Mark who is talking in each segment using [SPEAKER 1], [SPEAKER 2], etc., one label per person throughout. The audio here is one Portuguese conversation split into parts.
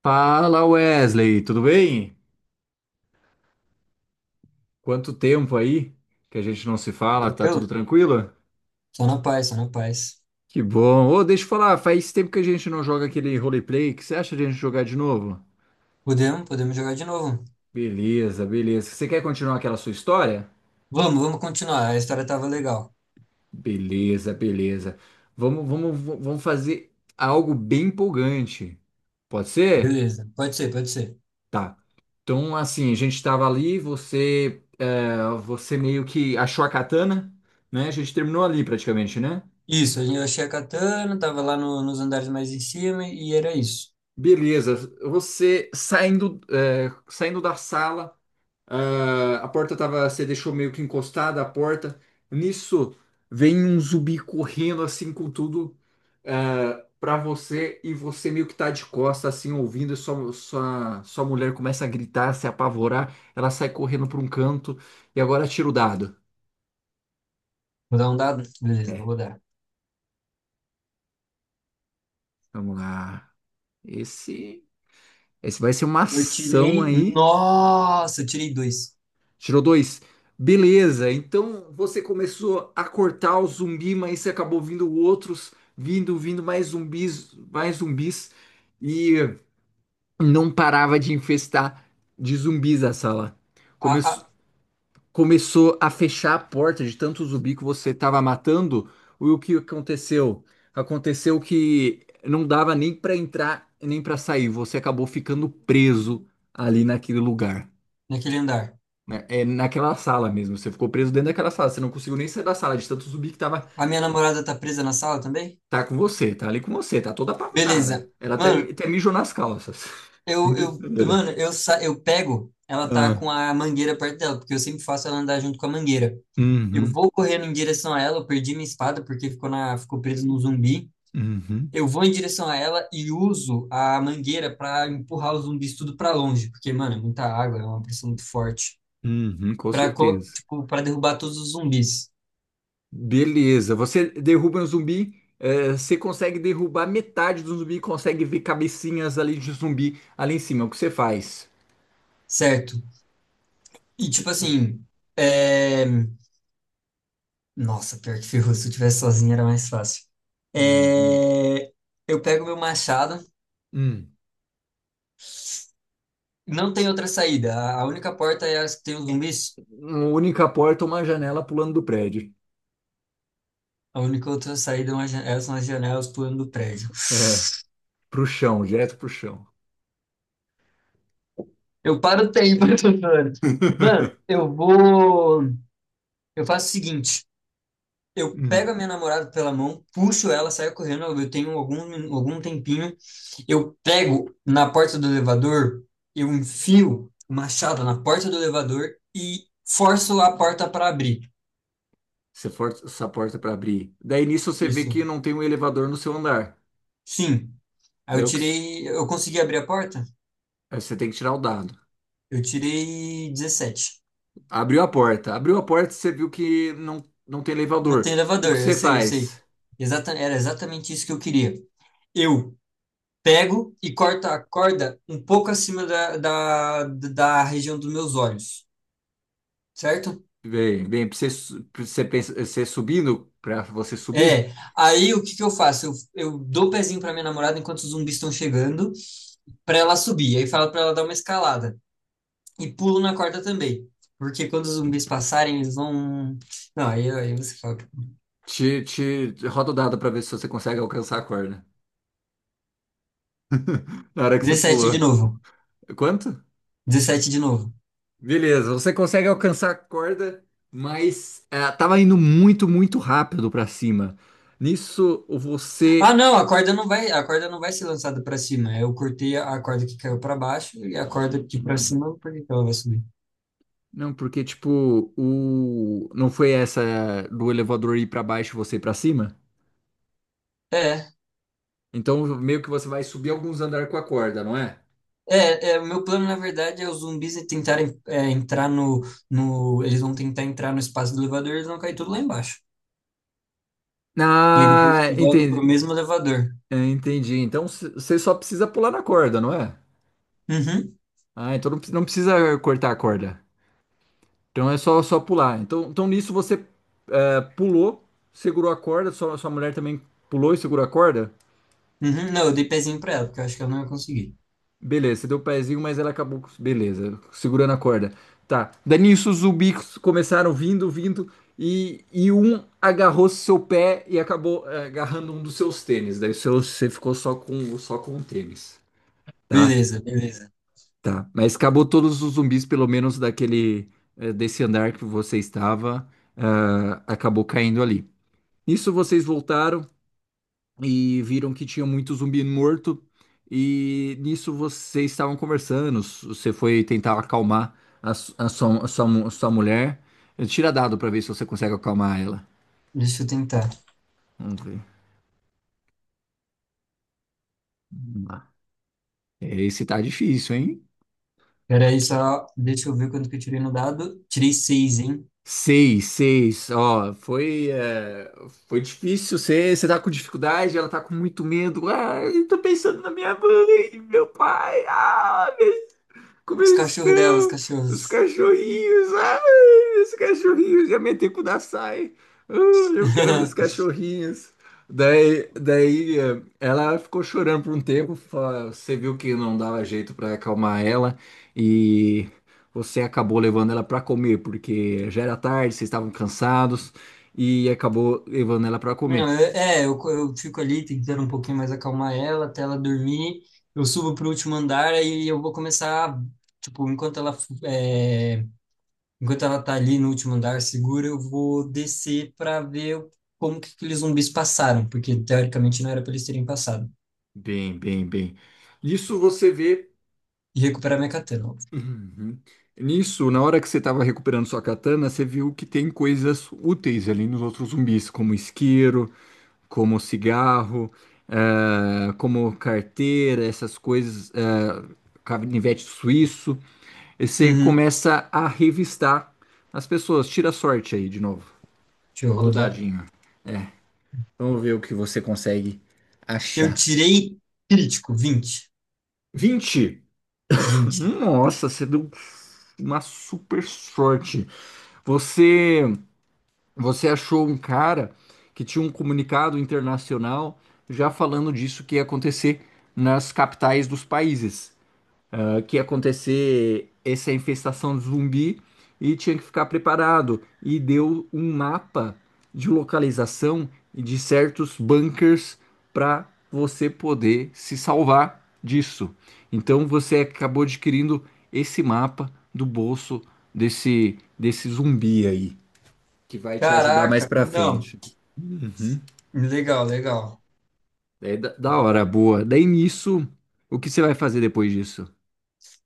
[SPEAKER 1] Fala Wesley, tudo bem? Quanto tempo aí que a gente não se fala, tá
[SPEAKER 2] Tranquilo?
[SPEAKER 1] tudo tranquilo?
[SPEAKER 2] Só na paz, só na paz.
[SPEAKER 1] Que bom. Ô, deixa eu falar, faz tempo que a gente não joga aquele roleplay, o que você acha de a gente jogar de novo?
[SPEAKER 2] Podemos jogar de novo.
[SPEAKER 1] Beleza, beleza. Você quer continuar aquela sua história?
[SPEAKER 2] Vamos continuar. A história tava legal.
[SPEAKER 1] Beleza, beleza. Vamos fazer algo bem empolgante. Pode ser?
[SPEAKER 2] Beleza, pode ser, pode ser.
[SPEAKER 1] Tá. Então, assim, a gente estava ali, você meio que achou a katana, né? A gente terminou ali praticamente, né?
[SPEAKER 2] Isso, eu achei a katana, tava lá nos andares mais em cima e era isso.
[SPEAKER 1] Beleza, você saindo da sala, a porta tava, você deixou meio que encostada a porta. Nisso vem um zumbi correndo assim com tudo, pra você, e você meio que tá de costa assim ouvindo. E sua mulher começa a gritar, se apavorar. Ela sai correndo pra um canto e agora tira o dado.
[SPEAKER 2] Vou dar um dado? Beleza, vou
[SPEAKER 1] É,
[SPEAKER 2] rodar.
[SPEAKER 1] vamos lá. Esse, esse vai ser uma
[SPEAKER 2] Eu
[SPEAKER 1] ação
[SPEAKER 2] tirei.
[SPEAKER 1] aí.
[SPEAKER 2] Nossa, eu tirei dois.
[SPEAKER 1] Tirou dois. Beleza, então você começou a cortar o zumbi, mas você acabou vindo outros, vindo mais zumbis, e não parava de infestar de zumbis a sala.
[SPEAKER 2] Ah,
[SPEAKER 1] Começou,
[SPEAKER 2] ah,
[SPEAKER 1] começou a fechar a porta de tanto zumbi que você estava matando. E o que aconteceu? Aconteceu que não dava nem para entrar, nem para sair. Você acabou ficando preso ali naquele lugar,
[SPEAKER 2] naquele andar.
[SPEAKER 1] né? É naquela sala mesmo. Você ficou preso dentro daquela sala. Você não conseguiu nem sair da sala de tanto zumbi que tava.
[SPEAKER 2] A minha namorada tá presa na sala também?
[SPEAKER 1] Tá com você, tá ali com você, tá toda
[SPEAKER 2] Beleza.
[SPEAKER 1] apavorada. Ela até,
[SPEAKER 2] Mano,
[SPEAKER 1] até mijou nas calças. Brincadeira.
[SPEAKER 2] eu pego. Ela tá
[SPEAKER 1] Ah,
[SPEAKER 2] com a mangueira perto dela, porque eu sempre faço ela andar junto com a mangueira. Eu
[SPEAKER 1] uhum,
[SPEAKER 2] vou correndo em direção a ela, eu perdi minha espada porque ficou ficou preso no zumbi.
[SPEAKER 1] uhum,
[SPEAKER 2] Eu vou em direção a ela e uso a mangueira para empurrar os zumbis tudo para longe, porque, mano, é muita água, é uma pressão muito forte,
[SPEAKER 1] uhum, com
[SPEAKER 2] para
[SPEAKER 1] certeza.
[SPEAKER 2] para derrubar todos os zumbis,
[SPEAKER 1] Beleza. Você derruba um zumbi. Você consegue derrubar metade do zumbi, consegue ver cabecinhas ali de zumbi ali em cima. O que você faz?
[SPEAKER 2] certo? E tipo assim, é... nossa, pior que ferrou, se eu tivesse sozinho era mais fácil.
[SPEAKER 1] Uhum.
[SPEAKER 2] É... Eu pego meu machado,
[SPEAKER 1] Hum.
[SPEAKER 2] não tem outra saída, a única porta é as que tem os zumbis.
[SPEAKER 1] Uma única porta, uma janela pulando do prédio.
[SPEAKER 2] A única outra saída é uma são as janelas pulando do prédio.
[SPEAKER 1] É, pro chão, direto pro chão.
[SPEAKER 2] Eu paro o tempo, eu tô falando. Mano, eu vou. Eu faço o seguinte: eu
[SPEAKER 1] Hum.
[SPEAKER 2] pego a minha namorada pela mão, puxo ela, saio correndo. Eu tenho algum tempinho. Eu pego na porta do elevador, eu enfio o machado na porta do elevador e forço a porta para abrir.
[SPEAKER 1] Você força essa porta para abrir. Daí nisso você vê
[SPEAKER 2] Isso.
[SPEAKER 1] que não tem um elevador no seu andar.
[SPEAKER 2] Sim. Aí eu
[SPEAKER 1] Daí
[SPEAKER 2] tirei. Eu consegui abrir a porta?
[SPEAKER 1] aí você tem que tirar o dado.
[SPEAKER 2] Eu tirei 17.
[SPEAKER 1] Abriu a porta. Abriu a porta, e você viu que não tem
[SPEAKER 2] Não tem
[SPEAKER 1] elevador. O
[SPEAKER 2] elevador,
[SPEAKER 1] que
[SPEAKER 2] eu
[SPEAKER 1] você
[SPEAKER 2] sei, eu sei.
[SPEAKER 1] faz?
[SPEAKER 2] Exata, era exatamente isso que eu queria. Eu pego e corto a corda um pouco acima da região dos meus olhos, certo?
[SPEAKER 1] Pra você, pra você, você subindo, para você subir,
[SPEAKER 2] É. Aí o que que eu faço? Eu dou o pezinho para minha namorada enquanto os zumbis estão chegando, para ela subir. Aí falo para ela dar uma escalada. E pulo na corda também. Porque quando os zumbis passarem, eles vão. Não, aí você fala.
[SPEAKER 1] te roda o dado para ver se você consegue alcançar a corda. Na hora que você
[SPEAKER 2] 17
[SPEAKER 1] pulou.
[SPEAKER 2] de novo.
[SPEAKER 1] Quanto?
[SPEAKER 2] 17 de novo.
[SPEAKER 1] Beleza, você consegue alcançar a corda, mas tava indo muito, muito rápido para cima. Nisso,
[SPEAKER 2] Ah,
[SPEAKER 1] você
[SPEAKER 2] não, a corda não vai ser lançada para cima. Eu cortei a corda que caiu para baixo e a corda que para cima, por que que ela vai subir?
[SPEAKER 1] Não, porque, tipo, não foi essa do elevador ir pra baixo e você ir pra cima?
[SPEAKER 2] É,
[SPEAKER 1] Então, meio que você vai subir alguns andares com a corda, não é?
[SPEAKER 2] o meu plano, na verdade, é os zumbis tentarem entrar no. Eles vão tentar entrar no espaço do elevador, eles vão cair tudo lá embaixo. E aí depois
[SPEAKER 1] Ah,
[SPEAKER 2] eu volto pro
[SPEAKER 1] entendi.
[SPEAKER 2] mesmo elevador.
[SPEAKER 1] É, entendi. Então, você só precisa pular na corda, não é?
[SPEAKER 2] Uhum,
[SPEAKER 1] Ah, então não precisa cortar a corda. Então, é só pular. Nisso você pulou, segurou a corda, sua mulher também pulou e segurou a corda?
[SPEAKER 2] uhum. Não, eu dei pezinho pra ela, porque eu acho que ela não ia conseguir.
[SPEAKER 1] Beleza, você deu o pezinho, mas ela acabou. Beleza, segurando a corda. Tá. Daí nisso os zumbis começaram e um agarrou seu pé e acabou agarrando um dos seus tênis. Daí você ficou só com o tênis. Tá?
[SPEAKER 2] Beleza, beleza.
[SPEAKER 1] Tá. Mas acabou todos os zumbis, pelo menos desse andar que você estava, acabou caindo ali. Nisso vocês voltaram e viram que tinha muito zumbi morto. E nisso vocês estavam conversando. Você foi tentar acalmar a, su- a sua mu- a sua mulher. Tira dado pra ver se você consegue acalmar ela.
[SPEAKER 2] Deixa eu tentar.
[SPEAKER 1] Vamos ver. Vamos lá. Esse tá difícil, hein?
[SPEAKER 2] Peraí, só. Deixa eu ver quanto que eu tirei no dado. Tirei seis, hein?
[SPEAKER 1] Seis, seis. Ó, foi difícil. Você tá com dificuldade, ela tá com muito medo. Ai, eu tô pensando na minha mãe, meu pai. Ah, como
[SPEAKER 2] Os
[SPEAKER 1] eles
[SPEAKER 2] cachorros dela, os
[SPEAKER 1] estão? Os
[SPEAKER 2] cachorros.
[SPEAKER 1] cachorrinhos. Ai, meus cachorrinhos. Já meti com o da Sai. Ah, eu quero ver os cachorrinhos. Daí ela ficou chorando por um tempo. Você viu que não dava jeito para acalmar ela. E você acabou levando ela para comer, porque já era tarde, vocês estavam cansados. E acabou levando ela para
[SPEAKER 2] Não,
[SPEAKER 1] comer.
[SPEAKER 2] É, eu fico ali tentando um pouquinho mais acalmar ela até ela dormir. Eu subo pro último andar, aí eu vou começar, tipo, enquanto enquanto ela tá ali no último andar segura, eu vou descer para ver como que aqueles zumbis passaram, porque teoricamente não era para eles terem passado.
[SPEAKER 1] Bem. Isso você vê.
[SPEAKER 2] E recuperar minha catena, óbvio.
[SPEAKER 1] Uhum. Nisso, na hora que você estava recuperando sua katana, você viu que tem coisas úteis ali nos outros zumbis, como isqueiro, como cigarro, como carteira, essas coisas, canivete suíço. E você
[SPEAKER 2] Uhum,
[SPEAKER 1] começa a revistar as pessoas. Tira a sorte aí de novo.
[SPEAKER 2] deixa eu
[SPEAKER 1] Roda o
[SPEAKER 2] rodar.
[SPEAKER 1] dadinho. É, vamos ver o que você consegue
[SPEAKER 2] Eu
[SPEAKER 1] achar.
[SPEAKER 2] tirei crítico, vinte,
[SPEAKER 1] 20.
[SPEAKER 2] vinte.
[SPEAKER 1] Nossa, você deu uma super sorte. Você. Você achou um cara que tinha um comunicado internacional já falando disso que ia acontecer nas capitais dos países, que ia acontecer essa infestação de zumbi e tinha que ficar preparado. E deu um mapa de localização e de certos bunkers para você poder se salvar disso. Então você acabou adquirindo esse mapa do bolso desse zumbi aí que vai te ajudar mais
[SPEAKER 2] Caraca,
[SPEAKER 1] pra
[SPEAKER 2] não,
[SPEAKER 1] frente. Uhum.
[SPEAKER 2] legal, legal.
[SPEAKER 1] Daí, da hora, boa. Daí nisso, o que você vai fazer depois disso?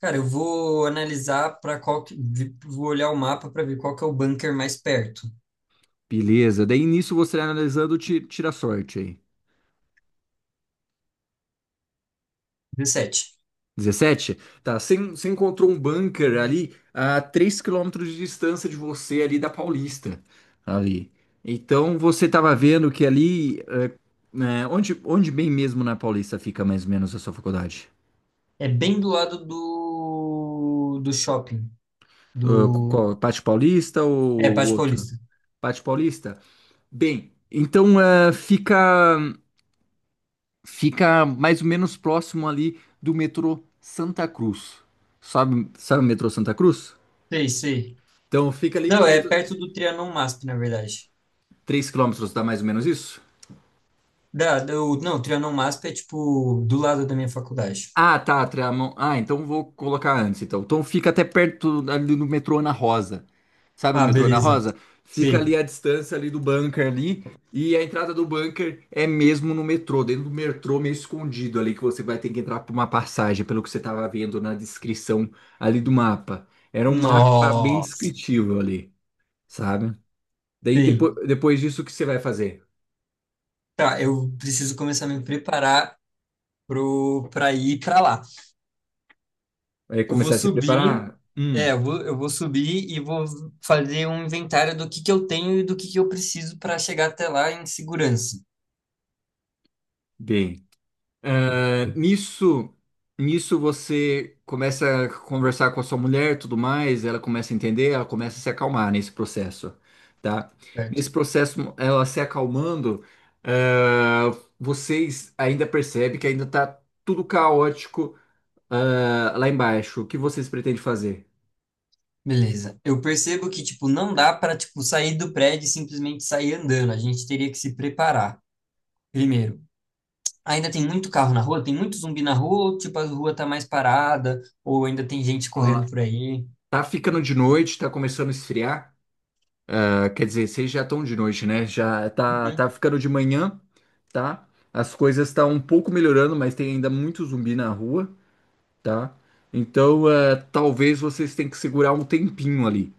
[SPEAKER 2] Cara, eu vou analisar para qual que, vou olhar o mapa para ver qual que é o bunker mais perto.
[SPEAKER 1] Beleza, daí nisso você vai analisando, tira a sorte aí.
[SPEAKER 2] 17.
[SPEAKER 1] 17. Tá, você encontrou um bunker ali a 3 quilômetros de distância de você, ali da Paulista. Ali. Então você tava vendo que ali, né, onde bem mesmo na Paulista fica mais ou menos a sua faculdade?
[SPEAKER 2] É bem do lado do shopping,
[SPEAKER 1] Qual,
[SPEAKER 2] do
[SPEAKER 1] Pátio Paulista
[SPEAKER 2] é
[SPEAKER 1] ou
[SPEAKER 2] Pátio
[SPEAKER 1] outro?
[SPEAKER 2] Paulista.
[SPEAKER 1] Pátio Paulista? Bem, então fica mais ou menos próximo ali do metrô Santa Cruz. Sabe o metrô Santa Cruz?
[SPEAKER 2] Sei, sei.
[SPEAKER 1] Então fica ali
[SPEAKER 2] Não, é
[SPEAKER 1] perto,
[SPEAKER 2] perto do Trianon MASP, na verdade.
[SPEAKER 1] 3 quilômetros, dá mais ou menos isso?
[SPEAKER 2] Não, o Trianon MASP é tipo do lado da minha faculdade.
[SPEAKER 1] Ah, tá, Trianon. Ah, então vou colocar antes, então. Então fica até perto ali do metrô Ana Rosa. Sabe o
[SPEAKER 2] Ah,
[SPEAKER 1] metrô Ana
[SPEAKER 2] beleza.
[SPEAKER 1] Rosa? Fica ali
[SPEAKER 2] Sei.
[SPEAKER 1] a distância ali do bunker ali, e a entrada do bunker é mesmo no metrô, dentro do metrô meio escondido ali, que você vai ter que entrar por uma passagem, pelo que você estava vendo na descrição ali do mapa. Era um mapa bem
[SPEAKER 2] Nossa.
[SPEAKER 1] descritivo ali, sabe? Daí depois,
[SPEAKER 2] Sei.
[SPEAKER 1] depois disso, o que você vai fazer?
[SPEAKER 2] Tá, eu preciso começar a me preparar pro para ir para lá.
[SPEAKER 1] Vai
[SPEAKER 2] Eu vou
[SPEAKER 1] começar a se
[SPEAKER 2] subir,
[SPEAKER 1] preparar?
[SPEAKER 2] eu vou subir e vou fazer um inventário do que eu tenho e do que eu preciso para chegar até lá em segurança,
[SPEAKER 1] Bem. Ah, nisso você começa a conversar com a sua mulher, tudo mais, ela começa a entender, ela começa a se acalmar nesse processo, tá? Nesse
[SPEAKER 2] certo?
[SPEAKER 1] processo, ela se acalmando, ah, vocês ainda percebem que ainda tá tudo caótico, lá embaixo. O que vocês pretendem fazer?
[SPEAKER 2] Beleza. Eu percebo que, tipo, não dá para, tipo, sair do prédio e simplesmente sair andando. A gente teria que se preparar, primeiro. Ainda tem muito carro na rua? Tem muito zumbi na rua? Ou, tipo, a rua tá mais parada? Ou ainda tem gente
[SPEAKER 1] Ah,
[SPEAKER 2] correndo por aí?
[SPEAKER 1] tá ficando de noite, tá começando a esfriar. Ah, quer dizer, vocês já estão de noite, né? Já tá,
[SPEAKER 2] Uhum.
[SPEAKER 1] tá ficando de manhã, tá? As coisas estão um pouco melhorando, mas tem ainda muito zumbi na rua, tá? Então, talvez vocês tenham que segurar um tempinho ali,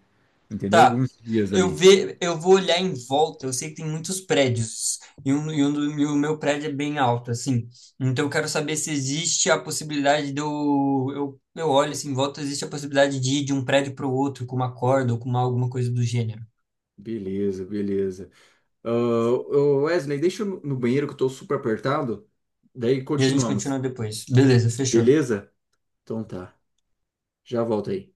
[SPEAKER 1] entendeu?
[SPEAKER 2] Tá.
[SPEAKER 1] Alguns dias ali.
[SPEAKER 2] Eu vou olhar em volta. Eu sei que tem muitos prédios e o meu prédio é bem alto, assim. Então eu quero saber se existe a possibilidade de eu olho assim em volta, existe a possibilidade de ir de um prédio para o outro com uma corda ou com alguma coisa do gênero.
[SPEAKER 1] Beleza, beleza. Ah, ô, Wesley, deixa eu no banheiro que eu tô super apertado. Daí
[SPEAKER 2] E a gente
[SPEAKER 1] continuamos.
[SPEAKER 2] continua depois. Beleza, fechou.
[SPEAKER 1] Beleza? Então tá. Já volto aí.